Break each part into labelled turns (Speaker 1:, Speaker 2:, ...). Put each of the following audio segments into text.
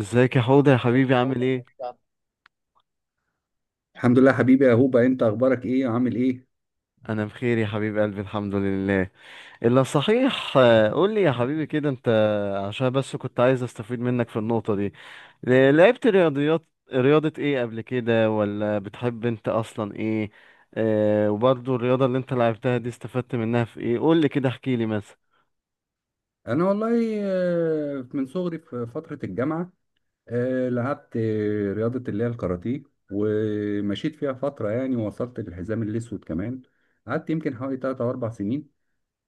Speaker 1: ازيك يا حوض يا حبيبي؟ عامل ايه؟
Speaker 2: الحمد لله حبيبي يا هوبا، انت اخبارك ايه وعامل ايه؟
Speaker 1: انا بخير يا حبيب قلبي، الحمد لله. الا صحيح قول لي يا حبيبي كده انت، عشان بس كنت عايز استفيد منك في النقطة دي. لعبت رياضيات، رياضة ايه قبل كده؟ ولا بتحب انت اصلا ايه؟ آه، وبرضو الرياضة اللي انت لعبتها دي استفدت منها في ايه؟ قول لي كده، احكي لي مثلا.
Speaker 2: انا والله، من صغري في فترة الجامعة لعبت رياضة اللي هي الكاراتيه، ومشيت فيها فترة يعني، ووصلت للحزام الاسود كمان. قعدت يمكن حوالي 3 او 4 سنين.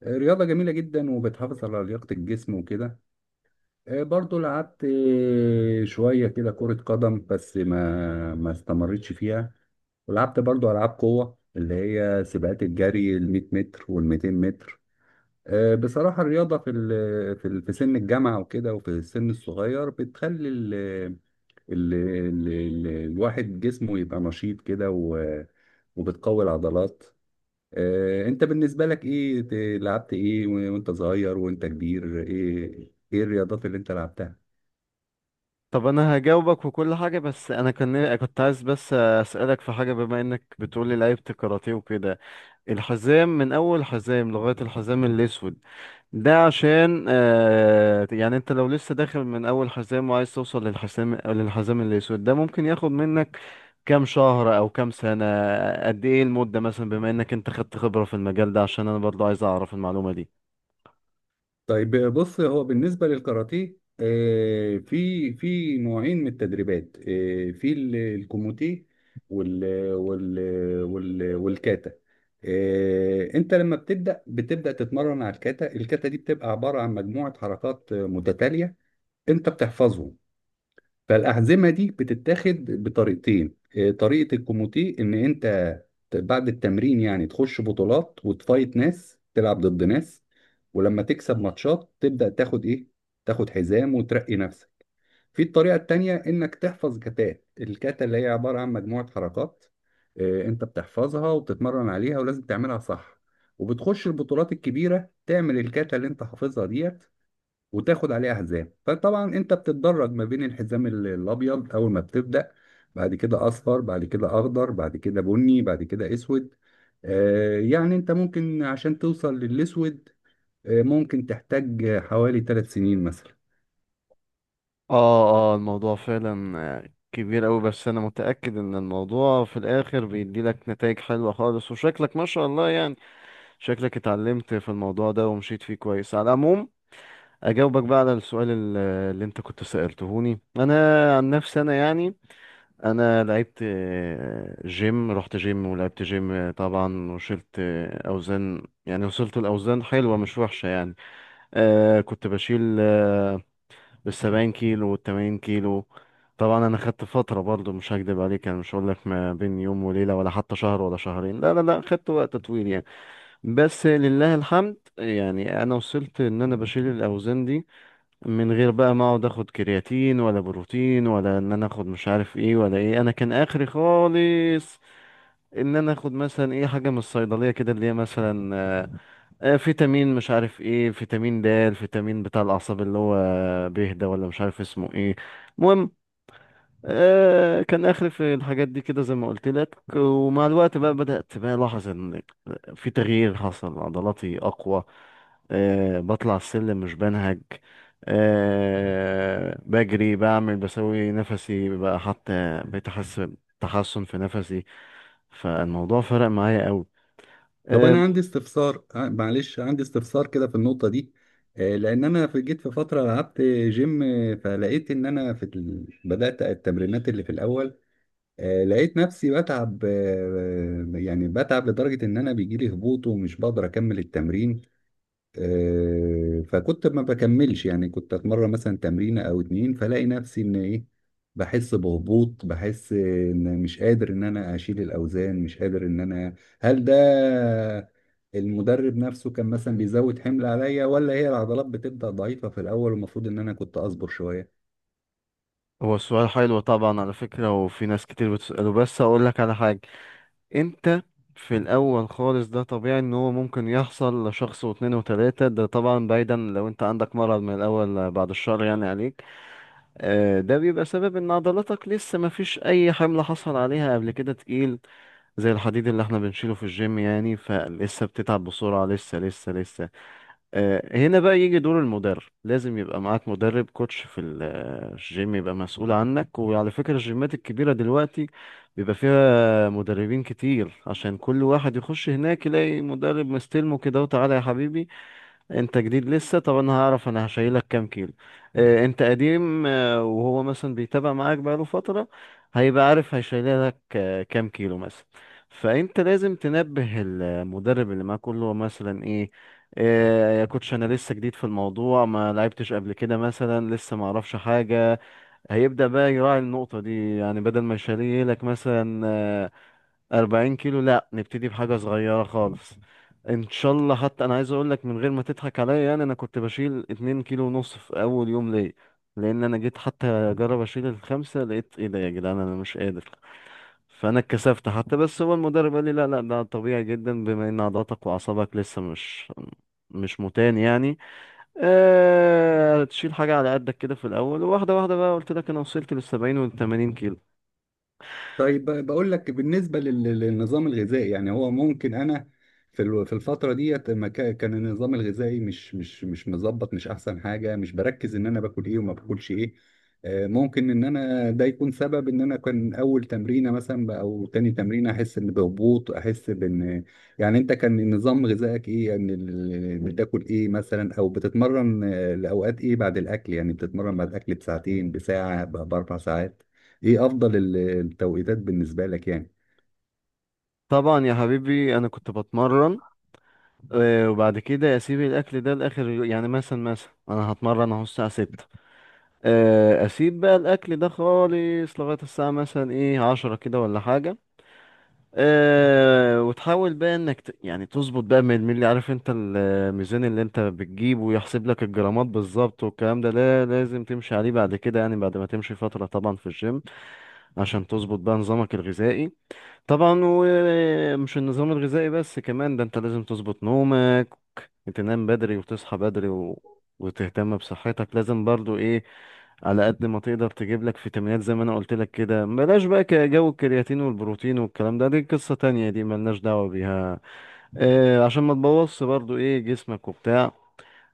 Speaker 2: رياضة جميلة جدا، وبتحافظ على لياقة الجسم وكده. برضو لعبت شوية كده كرة قدم، بس ما استمرتش فيها. ولعبت برضو ألعاب قوة اللي هي سباقات الجري ال 100 متر وال 200 متر. بصراحة الرياضة في سن الجامعة وكده، وفي السن الصغير بتخلي ال الواحد جسمه يبقى نشيط كده، وبتقوي العضلات. انت بالنسبة لك ايه؟ لعبت ايه وانت صغير وانت كبير؟ ايه ايه الرياضات اللي انت لعبتها؟
Speaker 1: طب انا هجاوبك وكل حاجة، بس انا كان كنت عايز بس اسألك في حاجة، بما انك بتقولي لعبت كاراتيه وكده. الحزام من اول حزام لغاية الحزام الاسود، ده عشان يعني انت لو لسه داخل من اول حزام وعايز توصل للحزام الاسود ده، ممكن ياخد منك كام شهر او كام سنة؟ قد ايه المدة مثلا، بما انك انت خدت خبرة في المجال ده؟ عشان انا برضو عايز اعرف المعلومة دي.
Speaker 2: طيب بص، هو بالنسبة للكاراتيه في نوعين من التدريبات. في الكوموتيه وال وال وال والكاتا انت لما بتبدأ تتمرن على الكاتا. الكاتا دي بتبقى عبارة عن مجموعة حركات متتالية، انت بتحفظهم. فالأحزمة دي بتتاخد بطريقتين. طريقة الكوموتيه إن أنت بعد التمرين يعني تخش بطولات وتفايت ناس تلعب ضد ناس، ولما تكسب ماتشات تبدأ تاخد إيه؟ تاخد حزام وترقي نفسك. في الطريقة التانية إنك تحفظ كتات، الكاتا اللي هي عبارة عن مجموعة حركات أنت بتحفظها وبتتمرن عليها، ولازم تعملها صح. وبتخش البطولات الكبيرة تعمل الكاتا اللي أنت حافظها دي، وتاخد عليه احزام. فطبعا انت بتتدرج ما بين الحزام الابيض اول ما بتبدا، بعد كده اصفر، بعد كده اخضر، بعد كده بني، بعد كده اسود. يعني انت ممكن عشان توصل للاسود ممكن تحتاج حوالي 3 سنين مثلا.
Speaker 1: اه اه، الموضوع فعلا كبير أوي، بس انا متأكد ان الموضوع في الاخر بيدي لك نتائج حلوة خالص، وشكلك ما شاء الله يعني، شكلك اتعلمت في الموضوع ده ومشيت فيه كويس. على العموم، اجاوبك بقى على السؤال اللي انت كنت سألتهوني انا. عن نفسي انا يعني، انا لعبت جيم، رحت جيم ولعبت جيم. طبعا وشلت اوزان، يعني وصلت الاوزان حلوه مش وحشه يعني. آه، كنت بشيل 70 كيلو والتمانين كيلو. طبعا انا خدت فتره برضو، مش هكدب عليك يعني، مش هقول لك ما بين يوم وليله، ولا حتى شهر ولا شهرين، لا لا لا، خدت وقت طويل يعني. بس لله الحمد يعني، انا وصلت ان انا بشيل الاوزان دي، من غير بقى ما اقعد اخد كرياتين ولا بروتين، ولا ان انا اخد مش عارف ايه ولا ايه، انا كان اخري خالص ان انا اخد مثلا ايه حاجه من الصيدليه كده، اللي هي مثلا فيتامين مش عارف ايه، فيتامين د، الفيتامين بتاع الاعصاب اللي هو بيه ده، ولا مش عارف اسمه ايه. المهم، كان اخر في الحاجات دي كده زي ما قلت لك. ومع الوقت بقى بدأت بقى الاحظ ان في تغيير حصل، عضلاتي اقوى، أه بطلع السلم مش بنهج، أه بجري بعمل بسوي نفسي بقى، حتى بقيت احس تحسن في نفسي. فالموضوع فرق معايا قوي.
Speaker 2: طب
Speaker 1: أه.
Speaker 2: انا عندي استفسار، معلش، عندي استفسار كده في النقطه دي. لان انا في جيت في فتره لعبت جيم. فلقيت ان انا في بدات التمرينات اللي في الاول. لقيت نفسي بتعب، يعني بتعب لدرجة إن أنا بيجيلي هبوط ومش بقدر أكمل التمرين. فكنت ما بكملش، يعني كنت أتمرن مثلا تمرينة أو اتنين، فلاقي نفسي إن إيه؟ بحس بهبوط، بحس إن مش قادر إن أنا أشيل الأوزان، مش قادر إن أنا... هل ده المدرب نفسه كان مثلا بيزود حمل عليا، ولا هي العضلات بتبدأ ضعيفة في الأول والمفروض إن أنا كنت أصبر شوية؟
Speaker 1: هو السؤال حلو طبعا على فكرة، وفي ناس كتير بتسأله، بس اقول لك على حاجة. انت في الاول خالص ده طبيعي، ان هو ممكن يحصل لشخص واتنين وتلاتة. ده طبعا بعيدا لو انت عندك مرض من الاول، بعد الشر يعني عليك. ده بيبقى سبب ان عضلاتك لسه ما فيش اي حمل حصل عليها قبل كده تقيل، زي الحديد اللي احنا بنشيله في الجيم يعني، فلسه بتتعب بسرعة، لسه هنا بقى يجي دور المدرب، لازم يبقى معاك مدرب كوتش في الجيم، يبقى مسؤول عنك. وعلى فكرة الجيمات الكبيرة دلوقتي بيبقى فيها مدربين كتير، عشان كل واحد يخش هناك يلاقي مدرب مستلمه كده، وتعالى يا حبيبي انت جديد لسه، طب انا هعرف انا هشيلك كام كيلو. اه انت قديم اه، وهو مثلا بيتابع معاك بقاله فترة، هيبقى عارف هيشيلك اه كام كيلو مثلا. فانت لازم تنبه المدرب اللي معاك، قول له مثلا ايه، اه يا كوتش انا لسه جديد في الموضوع، ما لعبتش قبل كده مثلا، لسه ما اعرفش حاجة. هيبدأ بقى يراعي النقطة دي، يعني بدل ما يشيلك مثلا 40 كيلو، لا نبتدي بحاجة صغيرة خالص ان شاء الله. حتى انا عايز اقول لك من غير ما تضحك عليا يعني، انا كنت بشيل 2 كيلو ونص في اول يوم ليا. لان انا جيت حتى اجرب اشيل الخمسة، لقيت ايه ده يا جدعان، انا مش قادر. فانا اتكسفت حتى، بس هو المدرب قال لي لا لا ده طبيعي جدا، بما ان عضلاتك واعصابك لسه مش متان يعني. تشيل حاجة على قدك كده في الاول، وواحدة واحدة بقى، قلت لك انا وصلت لـ70 و80 كيلو.
Speaker 2: طيب بقول لك بالنسبة للنظام الغذائي، يعني هو ممكن أنا في في الفترة ديت ما كان النظام الغذائي مش مظبط، مش أحسن حاجة، مش بركز إن أنا باكل إيه وما باكلش إيه. ممكن إن أنا ده يكون سبب إن أنا كان أول تمرينة مثلا، أو تاني تمرينة، أحس إن بهبوط، أحس بإن... يعني أنت كان نظام غذائك إيه؟ يعني بتاكل إيه مثلا، أو بتتمرن لأوقات إيه بعد الأكل؟ يعني بتتمرن بعد الأكل بساعتين، بساعة، ب4 ساعات؟ ايه افضل التوقيتات بالنسبه لك يعني؟
Speaker 1: طبعا يا حبيبي انا كنت بتمرن، وبعد كده اسيب الاكل ده لاخر يعني مثلا انا هتمرن اهو الساعه 6. اسيب بقى الاكل ده خالص لغايه الساعه مثلا ايه 10 كده ولا حاجه. أه، وتحاول بقى انك يعني تظبط بقى من الملي، عارف انت الميزان اللي انت بتجيبه ويحسب لك الجرامات بالظبط، والكلام ده لا، لازم تمشي عليه بعد كده، يعني بعد ما تمشي فترة طبعا في الجيم، عشان تظبط بقى نظامك الغذائي. طبعا ومش النظام الغذائي بس، كمان ده انت لازم تظبط نومك، تنام بدري وتصحى بدري، و... وتهتم بصحتك لازم برضو ايه، على قد ما تقدر تجيب لك فيتامينات زي ما انا قلت لك كده. بلاش بقى جو الكرياتين والبروتين والكلام ده، دي قصة تانية دي، ملناش دعوة بيها، آه، عشان ما تبوظش برضو ايه جسمك وبتاع.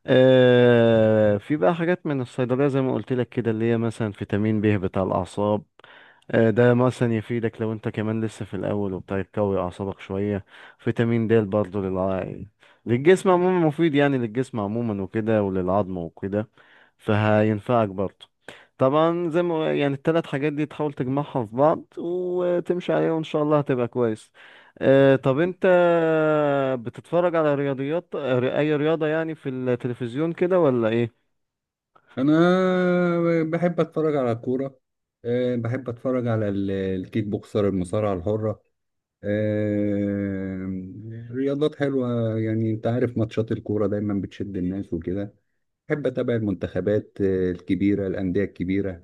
Speaker 1: آه، في بقى حاجات من الصيدلية زي ما قلت لك كده، اللي هي مثلا فيتامين ب بتاع الأعصاب، ده مثلا يفيدك لو انت كمان لسه في الاول وبتاع، يقوي اعصابك شويه. فيتامين د برضه للجسم عموما مفيد يعني، للجسم عموما وكده، وللعظم وكده، فهينفعك برضه. طبعا زي ما يعني الـ3 حاجات دي تحاول تجمعها في بعض وتمشي عليها، وان شاء الله هتبقى كويس. طب انت بتتفرج على رياضيات اي رياضه يعني في التلفزيون كده ولا ايه؟
Speaker 2: انا بحب اتفرج على الكوره. بحب اتفرج على الكيك بوكسر، المصارعه الحره. رياضات حلوه يعني. انت عارف ماتشات الكوره دايما بتشد الناس وكده. بحب اتابع المنتخبات الكبيره، الانديه الكبيره.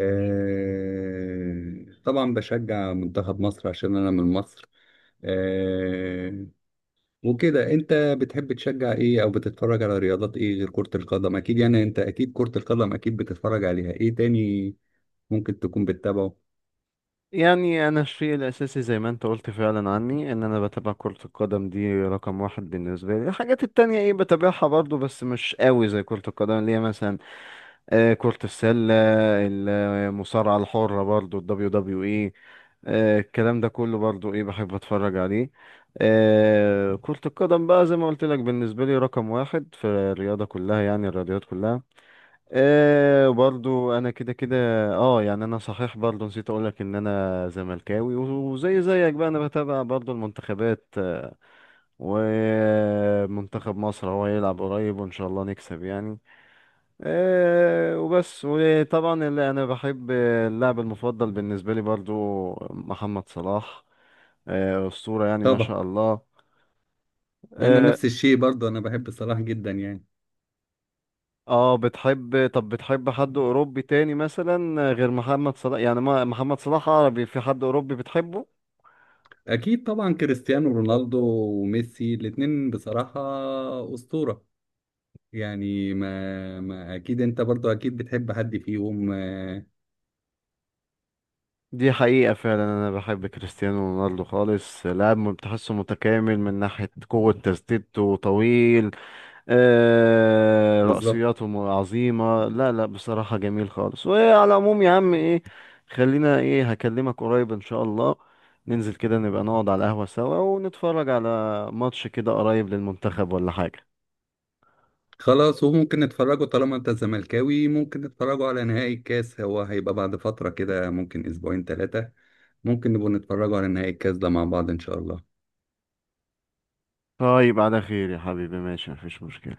Speaker 2: طبعا بشجع منتخب مصر عشان انا من مصر. آه، وكده. انت بتحب تشجع ايه، او بتتفرج على رياضات ايه غير كرة القدم؟ اكيد يعني انت اكيد كرة القدم اكيد بتتفرج عليها، ايه تاني ممكن تكون بتتابعه؟
Speaker 1: يعني انا الشيء الاساسي زي ما انت قلت فعلا عني، ان انا بتابع كرة القدم، دي رقم واحد بالنسبة لي. الحاجات التانية ايه بتابعها برضو بس مش قوي زي كرة القدم، اللي هي مثلا كرة السلة، المصارعة الحرة برضو ال WWE. الكلام ده كله برضو ايه بحب اتفرج عليه. كرة القدم بقى زي ما قلت لك بالنسبة لي رقم واحد في الرياضة كلها، يعني الرياضيات كلها. آه برضو انا كده كده. اه يعني انا صحيح برضو نسيت اقولك ان انا زملكاوي، وزي زيك بقى انا بتابع برضو المنتخبات، ومنتخب مصر هو هيلعب قريب وان شاء الله نكسب يعني. آه وبس. وطبعا اللي انا بحب اللاعب المفضل بالنسبة لي برضو محمد صلاح. آه، أسطورة يعني ما
Speaker 2: طبعا.
Speaker 1: شاء الله.
Speaker 2: انا
Speaker 1: آه،
Speaker 2: نفس الشيء برضه، انا بحب صلاح جدا يعني.
Speaker 1: اه بتحب، طب بتحب حد اوروبي تاني مثلا غير محمد صلاح؟ يعني ما محمد صلاح عربي، في حد اوروبي بتحبه؟
Speaker 2: اكيد طبعا كريستيانو رونالدو وميسي، الاتنين بصراحة أسطورة يعني. ما اكيد انت برضه اكيد بتحب حد فيهم؟
Speaker 1: دي حقيقة فعلا انا بحب كريستيانو رونالدو خالص، لاعب بتحسه متكامل، من ناحية قوة تسديدته، طويل، آه
Speaker 2: بالظبط.
Speaker 1: رأسياته عظيمة. لا لا بصراحة جميل خالص. وعلى العموم يا عم ايه، خلينا ايه، هكلمك قريب ان شاء الله، ننزل كده نبقى نقعد على القهوة سوا، ونتفرج على ماتش كده قريب للمنتخب ولا حاجة.
Speaker 2: خلاص، وممكن نتفرجوا طالما انت زملكاوي، ممكن نتفرجوا على نهائي الكاس. هو هيبقى بعد فترة كده، ممكن اسبوعين 3. ممكن نبقوا نتفرجوا على نهائي الكاس ده مع بعض ان شاء الله.
Speaker 1: طيب على خير يا حبيبي، ماشي مفيش مشكلة.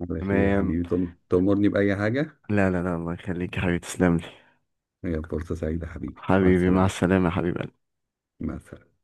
Speaker 2: على خير يا
Speaker 1: تمام.
Speaker 2: حبيبي، تأمرني بأي حاجة.
Speaker 1: لا لا لا، الله يخليك يا حبيبي، تسلم لي.
Speaker 2: هي فرصة سعيدة حبيبي، مع
Speaker 1: حبيبي مع
Speaker 2: السلامة.
Speaker 1: السلامة يا حبيبي.
Speaker 2: مع السلامة.